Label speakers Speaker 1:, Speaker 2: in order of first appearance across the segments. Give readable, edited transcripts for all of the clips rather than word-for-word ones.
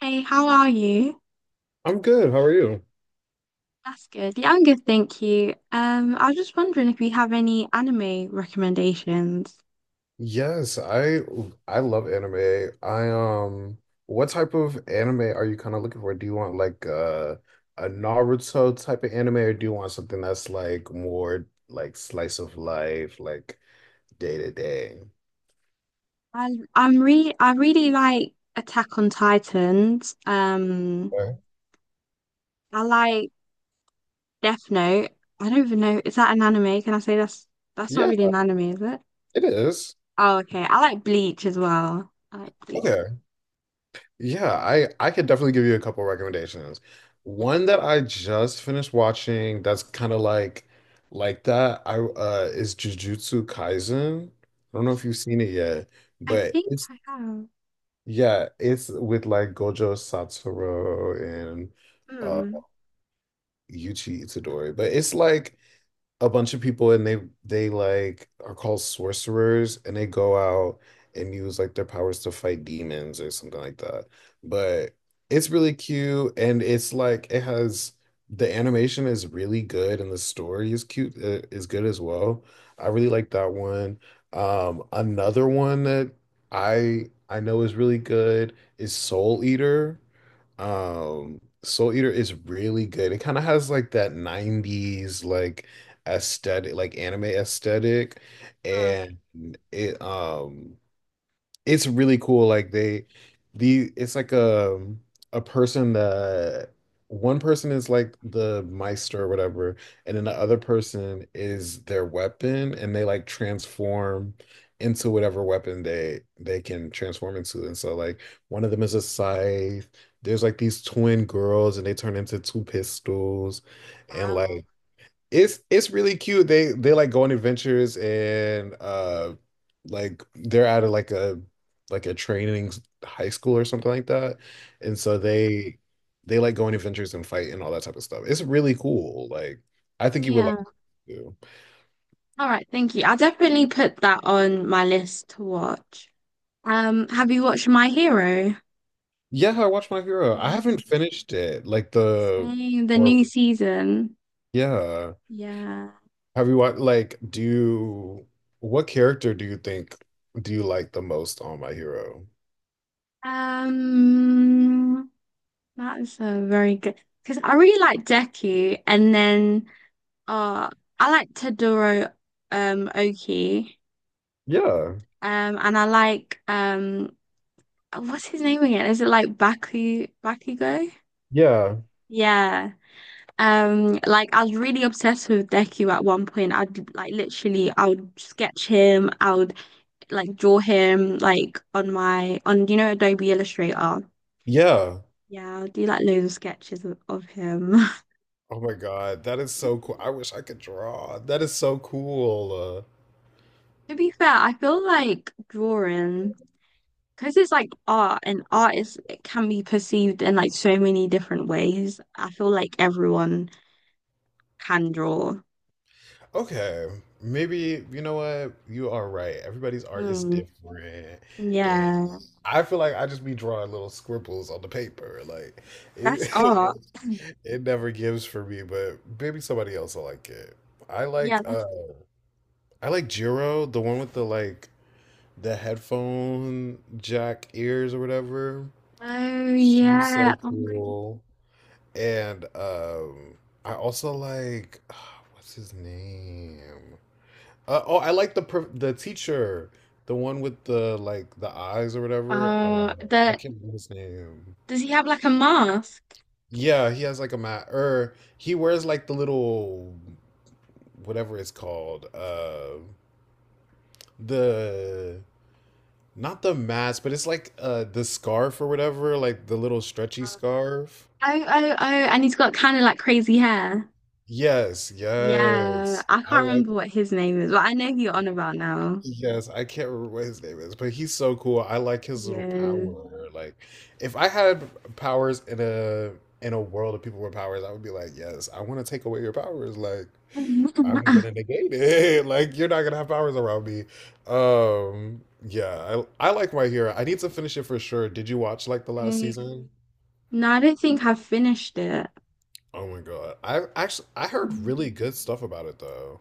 Speaker 1: Hey, how are you?
Speaker 2: I'm good. How are you?
Speaker 1: That's good. Yeah, I'm good, thank you. I was just wondering if you have any anime recommendations.
Speaker 2: Yes, I love anime. I what type of anime are you kind of looking for? Do you want like a Naruto type of anime, or do you want something that's like more like slice of life, like day to day?
Speaker 1: I I really like Attack on Titans.
Speaker 2: Okay.
Speaker 1: I like Death Note. I don't even know, is that an anime? Can I say that's not
Speaker 2: Yeah,
Speaker 1: really an anime, is it?
Speaker 2: it is.
Speaker 1: Oh, okay. I like Bleach as well. I like Bleach.
Speaker 2: Yeah, I could definitely give you a couple recommendations. One that I just finished watching that's kind of like that I is Jujutsu Kaisen. I don't know if you've seen it yet,
Speaker 1: I
Speaker 2: but
Speaker 1: think
Speaker 2: it's
Speaker 1: I have.
Speaker 2: yeah, it's with like Gojo Satoru and uh
Speaker 1: Hmm.
Speaker 2: Yuji Itadori. But it's like a bunch of people and they like are called sorcerers, and they go out and use like their powers to fight demons or something like that. But it's really cute, and it's like it has the animation is really good and the story is cute is good as well. I really like that one. Another one that I know is really good is Soul Eater. Soul Eater is really good. It kind of has like that 90s like aesthetic, like anime aesthetic,
Speaker 1: Hmm.
Speaker 2: and it um it's really cool. Like they the it's like a person that one person is like the Meister or whatever, and then the other person is their weapon, and they like transform into whatever weapon they can transform into. And so like one of them is a scythe. There's like these twin girls and they turn into two pistols, and
Speaker 1: Wow.
Speaker 2: like it's really cute. They like go on adventures, and like they're out of like a training high school or something like that. And so they like go on adventures and fight and all that type of stuff. It's really cool. Like I think you would like
Speaker 1: Yeah.
Speaker 2: it too.
Speaker 1: All right, thank you. I'll definitely put that on my list to watch. Have you watched My Hero?
Speaker 2: Yeah, I watched My Hero. I
Speaker 1: Yes.
Speaker 2: haven't finished it. Like the
Speaker 1: Same, the
Speaker 2: or
Speaker 1: new season.
Speaker 2: yeah.
Speaker 1: Yeah.
Speaker 2: Have you watched like do you, what character do you think do you like the most on My Hero?
Speaker 1: Um, that's a very good Because I really like Deku, and then uh, I like Todoroki, Oki,
Speaker 2: Yeah.
Speaker 1: and I like what's his name again? Is it like Bakugo?
Speaker 2: Yeah.
Speaker 1: Yeah. Like I was really obsessed with Deku at one point. I'd like literally, I would sketch him. I would like draw him like on my on you know Adobe Illustrator.
Speaker 2: Yeah.
Speaker 1: Yeah, I'll do like loads of sketches of him.
Speaker 2: Oh my god, that is so cool. I wish I could draw. That is so cool.
Speaker 1: To be fair, I feel like drawing because it's like art and art is it can be perceived in like so many different ways. I feel like everyone can draw.
Speaker 2: Okay, maybe you know what? You are right. Everybody's art is
Speaker 1: Hmm.
Speaker 2: different. And
Speaker 1: Yeah,
Speaker 2: I feel like I just be drawing little scribbles on the paper. Like
Speaker 1: that's art.
Speaker 2: it, it never gives for me, but maybe somebody else will like it. I
Speaker 1: Yeah,
Speaker 2: like uh
Speaker 1: that's
Speaker 2: I like Jiro, the one with the like the headphone jack ears or whatever.
Speaker 1: oh
Speaker 2: She's
Speaker 1: yeah.
Speaker 2: so
Speaker 1: Oh,
Speaker 2: cool. And I also like oh, what's his name? Oh, I like the the teacher, the one with the like the eyes or whatever. I
Speaker 1: the
Speaker 2: can't remember his name.
Speaker 1: Does he have like a mask?
Speaker 2: Yeah, he has like a mat, or he wears like the little whatever it's called. The not the mask, but it's like the scarf or whatever, like the little stretchy scarf.
Speaker 1: Oh oh oh, and he's got kind of like crazy hair.
Speaker 2: Yes,
Speaker 1: Yeah,
Speaker 2: yes.
Speaker 1: I
Speaker 2: I
Speaker 1: can't
Speaker 2: like
Speaker 1: remember what his name is, but I know who you're on about now.
Speaker 2: Yes, I can't remember what his name is, but he's so cool. I like his little
Speaker 1: Yeah.
Speaker 2: power. Like, if I had powers in a world of people with powers, I would be like, yes, I want to take away your powers. Like, I'm gonna negate it. Like, you're not gonna have powers around me. Yeah, I like My Hero. I need to finish it for sure. Did you watch like the last
Speaker 1: Right.
Speaker 2: season?
Speaker 1: No, I don't think I've finished it.
Speaker 2: Oh my God. I actually I heard really
Speaker 1: Mhm.
Speaker 2: good stuff about it though.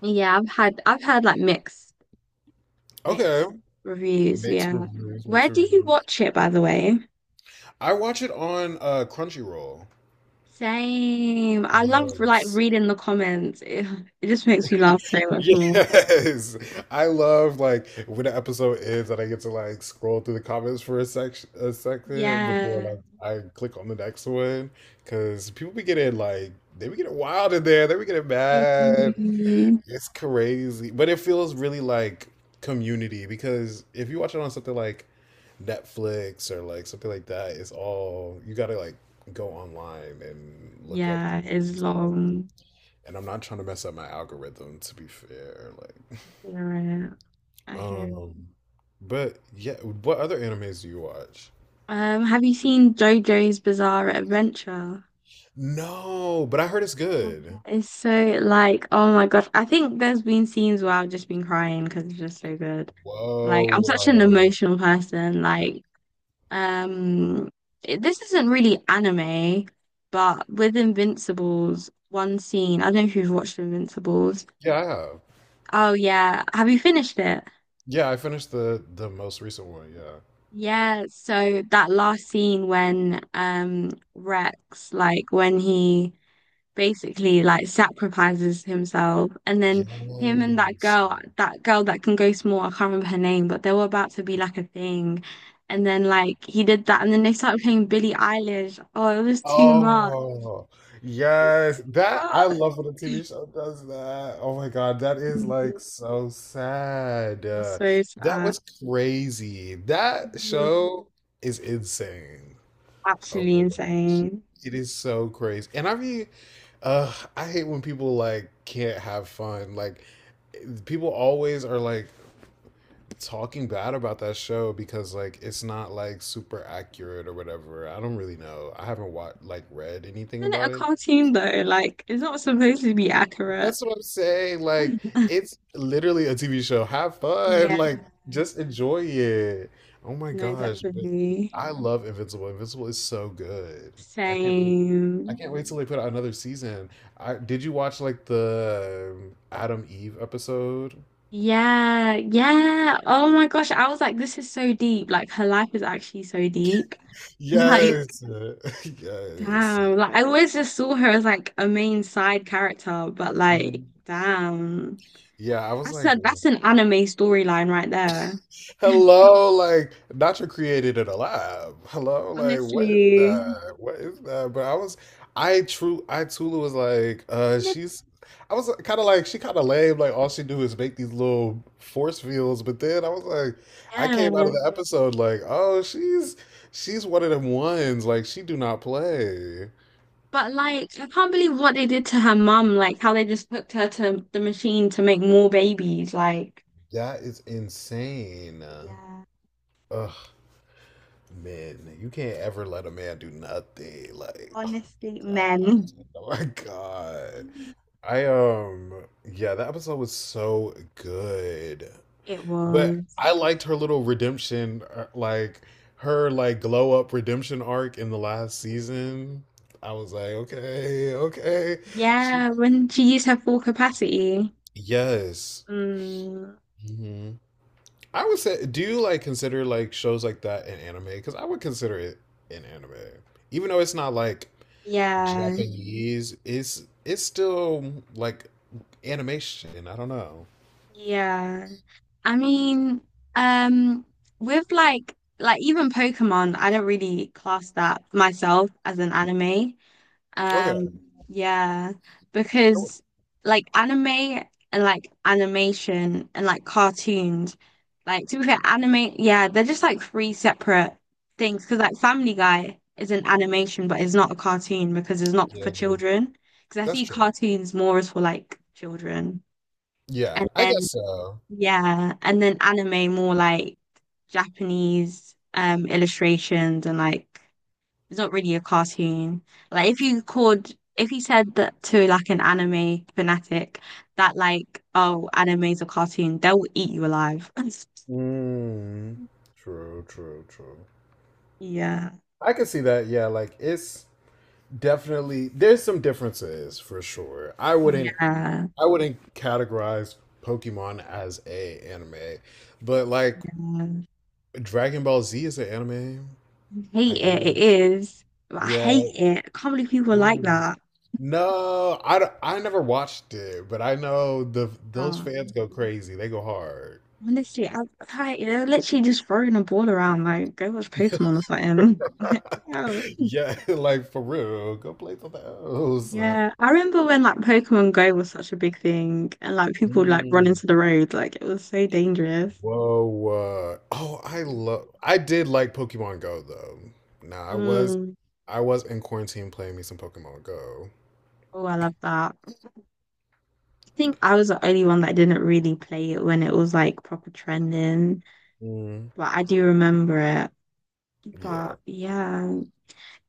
Speaker 1: Yeah, I've had like mixed
Speaker 2: Okay.
Speaker 1: mixed reviews,
Speaker 2: Mixed
Speaker 1: yeah.
Speaker 2: reviews, mixed
Speaker 1: Where do you
Speaker 2: reviews.
Speaker 1: watch it, by the way?
Speaker 2: I watch it on Crunchyroll.
Speaker 1: Same. I love like
Speaker 2: Yes.
Speaker 1: reading the comments. It just makes me laugh so much more.
Speaker 2: Yes. I love like when the episode ends and I get to like scroll through the comments for a second before
Speaker 1: Yeah,
Speaker 2: like I click on the next one, because people be getting like they be getting wild in there, they be getting
Speaker 1: I
Speaker 2: mad.
Speaker 1: do.
Speaker 2: It's crazy. But it feels really like community, because if you watch it on something like Netflix or like something like that, it's all you gotta like go online and look up the
Speaker 1: Yeah, it's long.
Speaker 2: and I'm not trying to mess up my algorithm, to be fair. Like,
Speaker 1: Yeah, I hear
Speaker 2: um, but yeah, what other animes do you watch?
Speaker 1: Have you seen JoJo's Bizarre Adventure?
Speaker 2: No, but I heard it's good.
Speaker 1: It's so like, oh my gosh. I think there's been scenes where I've just been crying because it's just so good. Like, I'm such an
Speaker 2: Whoa,
Speaker 1: emotional person. Like, um, it- this isn't really anime, but with Invincibles, one scene, I don't know if you've watched Invincibles.
Speaker 2: yeah, I have.
Speaker 1: Oh yeah. Have you finished it?
Speaker 2: Yeah, I finished the most recent one. Yeah.
Speaker 1: Yeah, so that last scene when Rex, like when he basically like sacrifices himself and then him and
Speaker 2: Yes.
Speaker 1: that girl that can go small, I can't remember her name, but they were about to be like a thing and then like he did that and then they started playing Billie Eilish, oh it was too much,
Speaker 2: Oh,
Speaker 1: it was
Speaker 2: yes.
Speaker 1: too
Speaker 2: That I
Speaker 1: much.
Speaker 2: love when a TV show does that. Oh my God, that is
Speaker 1: Mm,
Speaker 2: like so sad.
Speaker 1: it was so
Speaker 2: That
Speaker 1: sad.
Speaker 2: was crazy. That
Speaker 1: Mm,
Speaker 2: show is insane. Oh
Speaker 1: absolutely
Speaker 2: my gosh.
Speaker 1: insane.
Speaker 2: It is so crazy. And I mean, I hate when people like can't have fun. Like eh, people always are like talking bad about that show because like it's not like super accurate or whatever. I don't really know. I haven't watched like read anything
Speaker 1: Isn't it a
Speaker 2: about it.
Speaker 1: cartoon though? Like it's not supposed to be accurate.
Speaker 2: That's what I'm saying. Like, it's literally a TV show. Have fun.
Speaker 1: Yeah.
Speaker 2: Like, just enjoy it. Oh my
Speaker 1: No,
Speaker 2: gosh. But
Speaker 1: definitely.
Speaker 2: I love Invincible. Invincible is so good. I can't wait. I
Speaker 1: Same.
Speaker 2: can't wait till they put out another season. I did you watch like the Adam Eve episode?
Speaker 1: Yeah, yeah. Oh my gosh, I was like, this is so deep. Like her life is actually so deep. Like,
Speaker 2: Yes. Yes.
Speaker 1: damn. Like I always just saw her as like a main side character, but like,
Speaker 2: Mhm.
Speaker 1: damn.
Speaker 2: Yeah, I was
Speaker 1: That's
Speaker 2: like,
Speaker 1: a that's an anime storyline right there.
Speaker 2: Hello, like Nacho created it alive. Hello, like what is
Speaker 1: Honestly.
Speaker 2: that? What is that? But I was, I true, I Tula was like,
Speaker 1: And then-
Speaker 2: she's, I was kind of like, she kind of lame. Like all she do is make these little force fields. But then I was like, I came out
Speaker 1: Yeah.
Speaker 2: of the episode like, oh, she's one of them ones. Like she do not play.
Speaker 1: But like I can't believe what they did to her mum, like how they just hooked her to the machine to make more babies. Like,
Speaker 2: That is insane.
Speaker 1: yeah.
Speaker 2: Ugh. Men, you can't ever let a man do nothing. Like, oh
Speaker 1: Honestly,
Speaker 2: my
Speaker 1: men.
Speaker 2: god, oh my god. I yeah, that episode was so good.
Speaker 1: It
Speaker 2: But
Speaker 1: was.
Speaker 2: I liked her little redemption, like her like glow up redemption arc in the last season. I was like, okay, okay. She,
Speaker 1: Yeah, when she used her full capacity.
Speaker 2: yes.
Speaker 1: Mm,
Speaker 2: hmm I would say, do you like consider like shows like that in anime? Because I would consider it in anime, even though it's not like
Speaker 1: yeah,
Speaker 2: Japanese is it's still like animation. I don't know.
Speaker 1: yeah. I mean, um, with like even Pokemon, I don't really class that myself as an anime.
Speaker 2: Okay.
Speaker 1: Um, yeah,
Speaker 2: Oh,
Speaker 1: because like anime and like animation and like cartoons, like to be fair, anime, yeah, they're just like three separate things. Because like Family Guy is an animation, but it's not a cartoon because it's not for
Speaker 2: Yeah, no,
Speaker 1: children. Because I
Speaker 2: that's
Speaker 1: see
Speaker 2: true.
Speaker 1: cartoons more as for like children,
Speaker 2: Yeah,
Speaker 1: and
Speaker 2: I
Speaker 1: then
Speaker 2: guess so.
Speaker 1: yeah, and then anime more like Japanese illustrations and like. It's not really a cartoon. Like if you said that to like an anime fanatic that like, oh, anime's a cartoon, they'll eat you alive.
Speaker 2: Mm, true, true, true.
Speaker 1: Yeah.
Speaker 2: I can see that. Yeah, like it's definitely there's some differences for sure.
Speaker 1: Yeah.
Speaker 2: I wouldn't categorize Pokemon as a anime, but like
Speaker 1: Yeah.
Speaker 2: Dragon Ball Z is an anime,
Speaker 1: Hate
Speaker 2: I
Speaker 1: it. It
Speaker 2: guess.
Speaker 1: is. I
Speaker 2: Yeah.
Speaker 1: hate it. I can't believe people are like
Speaker 2: Ooh.
Speaker 1: that.
Speaker 2: No, I, I never watched it, but I know the those fans
Speaker 1: Um,
Speaker 2: go crazy. They go hard.
Speaker 1: honestly, they're literally just throwing a ball around like go watch Pokemon or something. Yeah.
Speaker 2: Yeah, like for real. Go play for those.
Speaker 1: Yeah, I remember when like Pokemon Go was such a big thing and like people would, like run
Speaker 2: Mm.
Speaker 1: into the road, like it was so dangerous.
Speaker 2: Whoa. Oh, I love I did like Pokemon Go though. Nah,
Speaker 1: Mm.
Speaker 2: I was in quarantine playing me some Pokemon Go.
Speaker 1: Oh, I love that. I think I was the only one that didn't really play it when it was like proper trending,
Speaker 2: Mm.
Speaker 1: but I do remember it.
Speaker 2: Yeah.
Speaker 1: But yeah,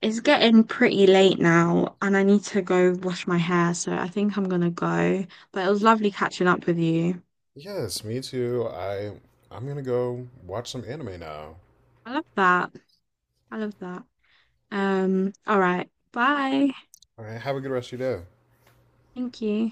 Speaker 1: it's getting pretty late now and I need to go wash my hair, so I think I'm gonna go. But it was lovely catching up with you.
Speaker 2: Yes, me too. I'm gonna go watch some anime now.
Speaker 1: I love that. I love that. All right. Bye.
Speaker 2: All right, have a good rest of your day.
Speaker 1: Thank you.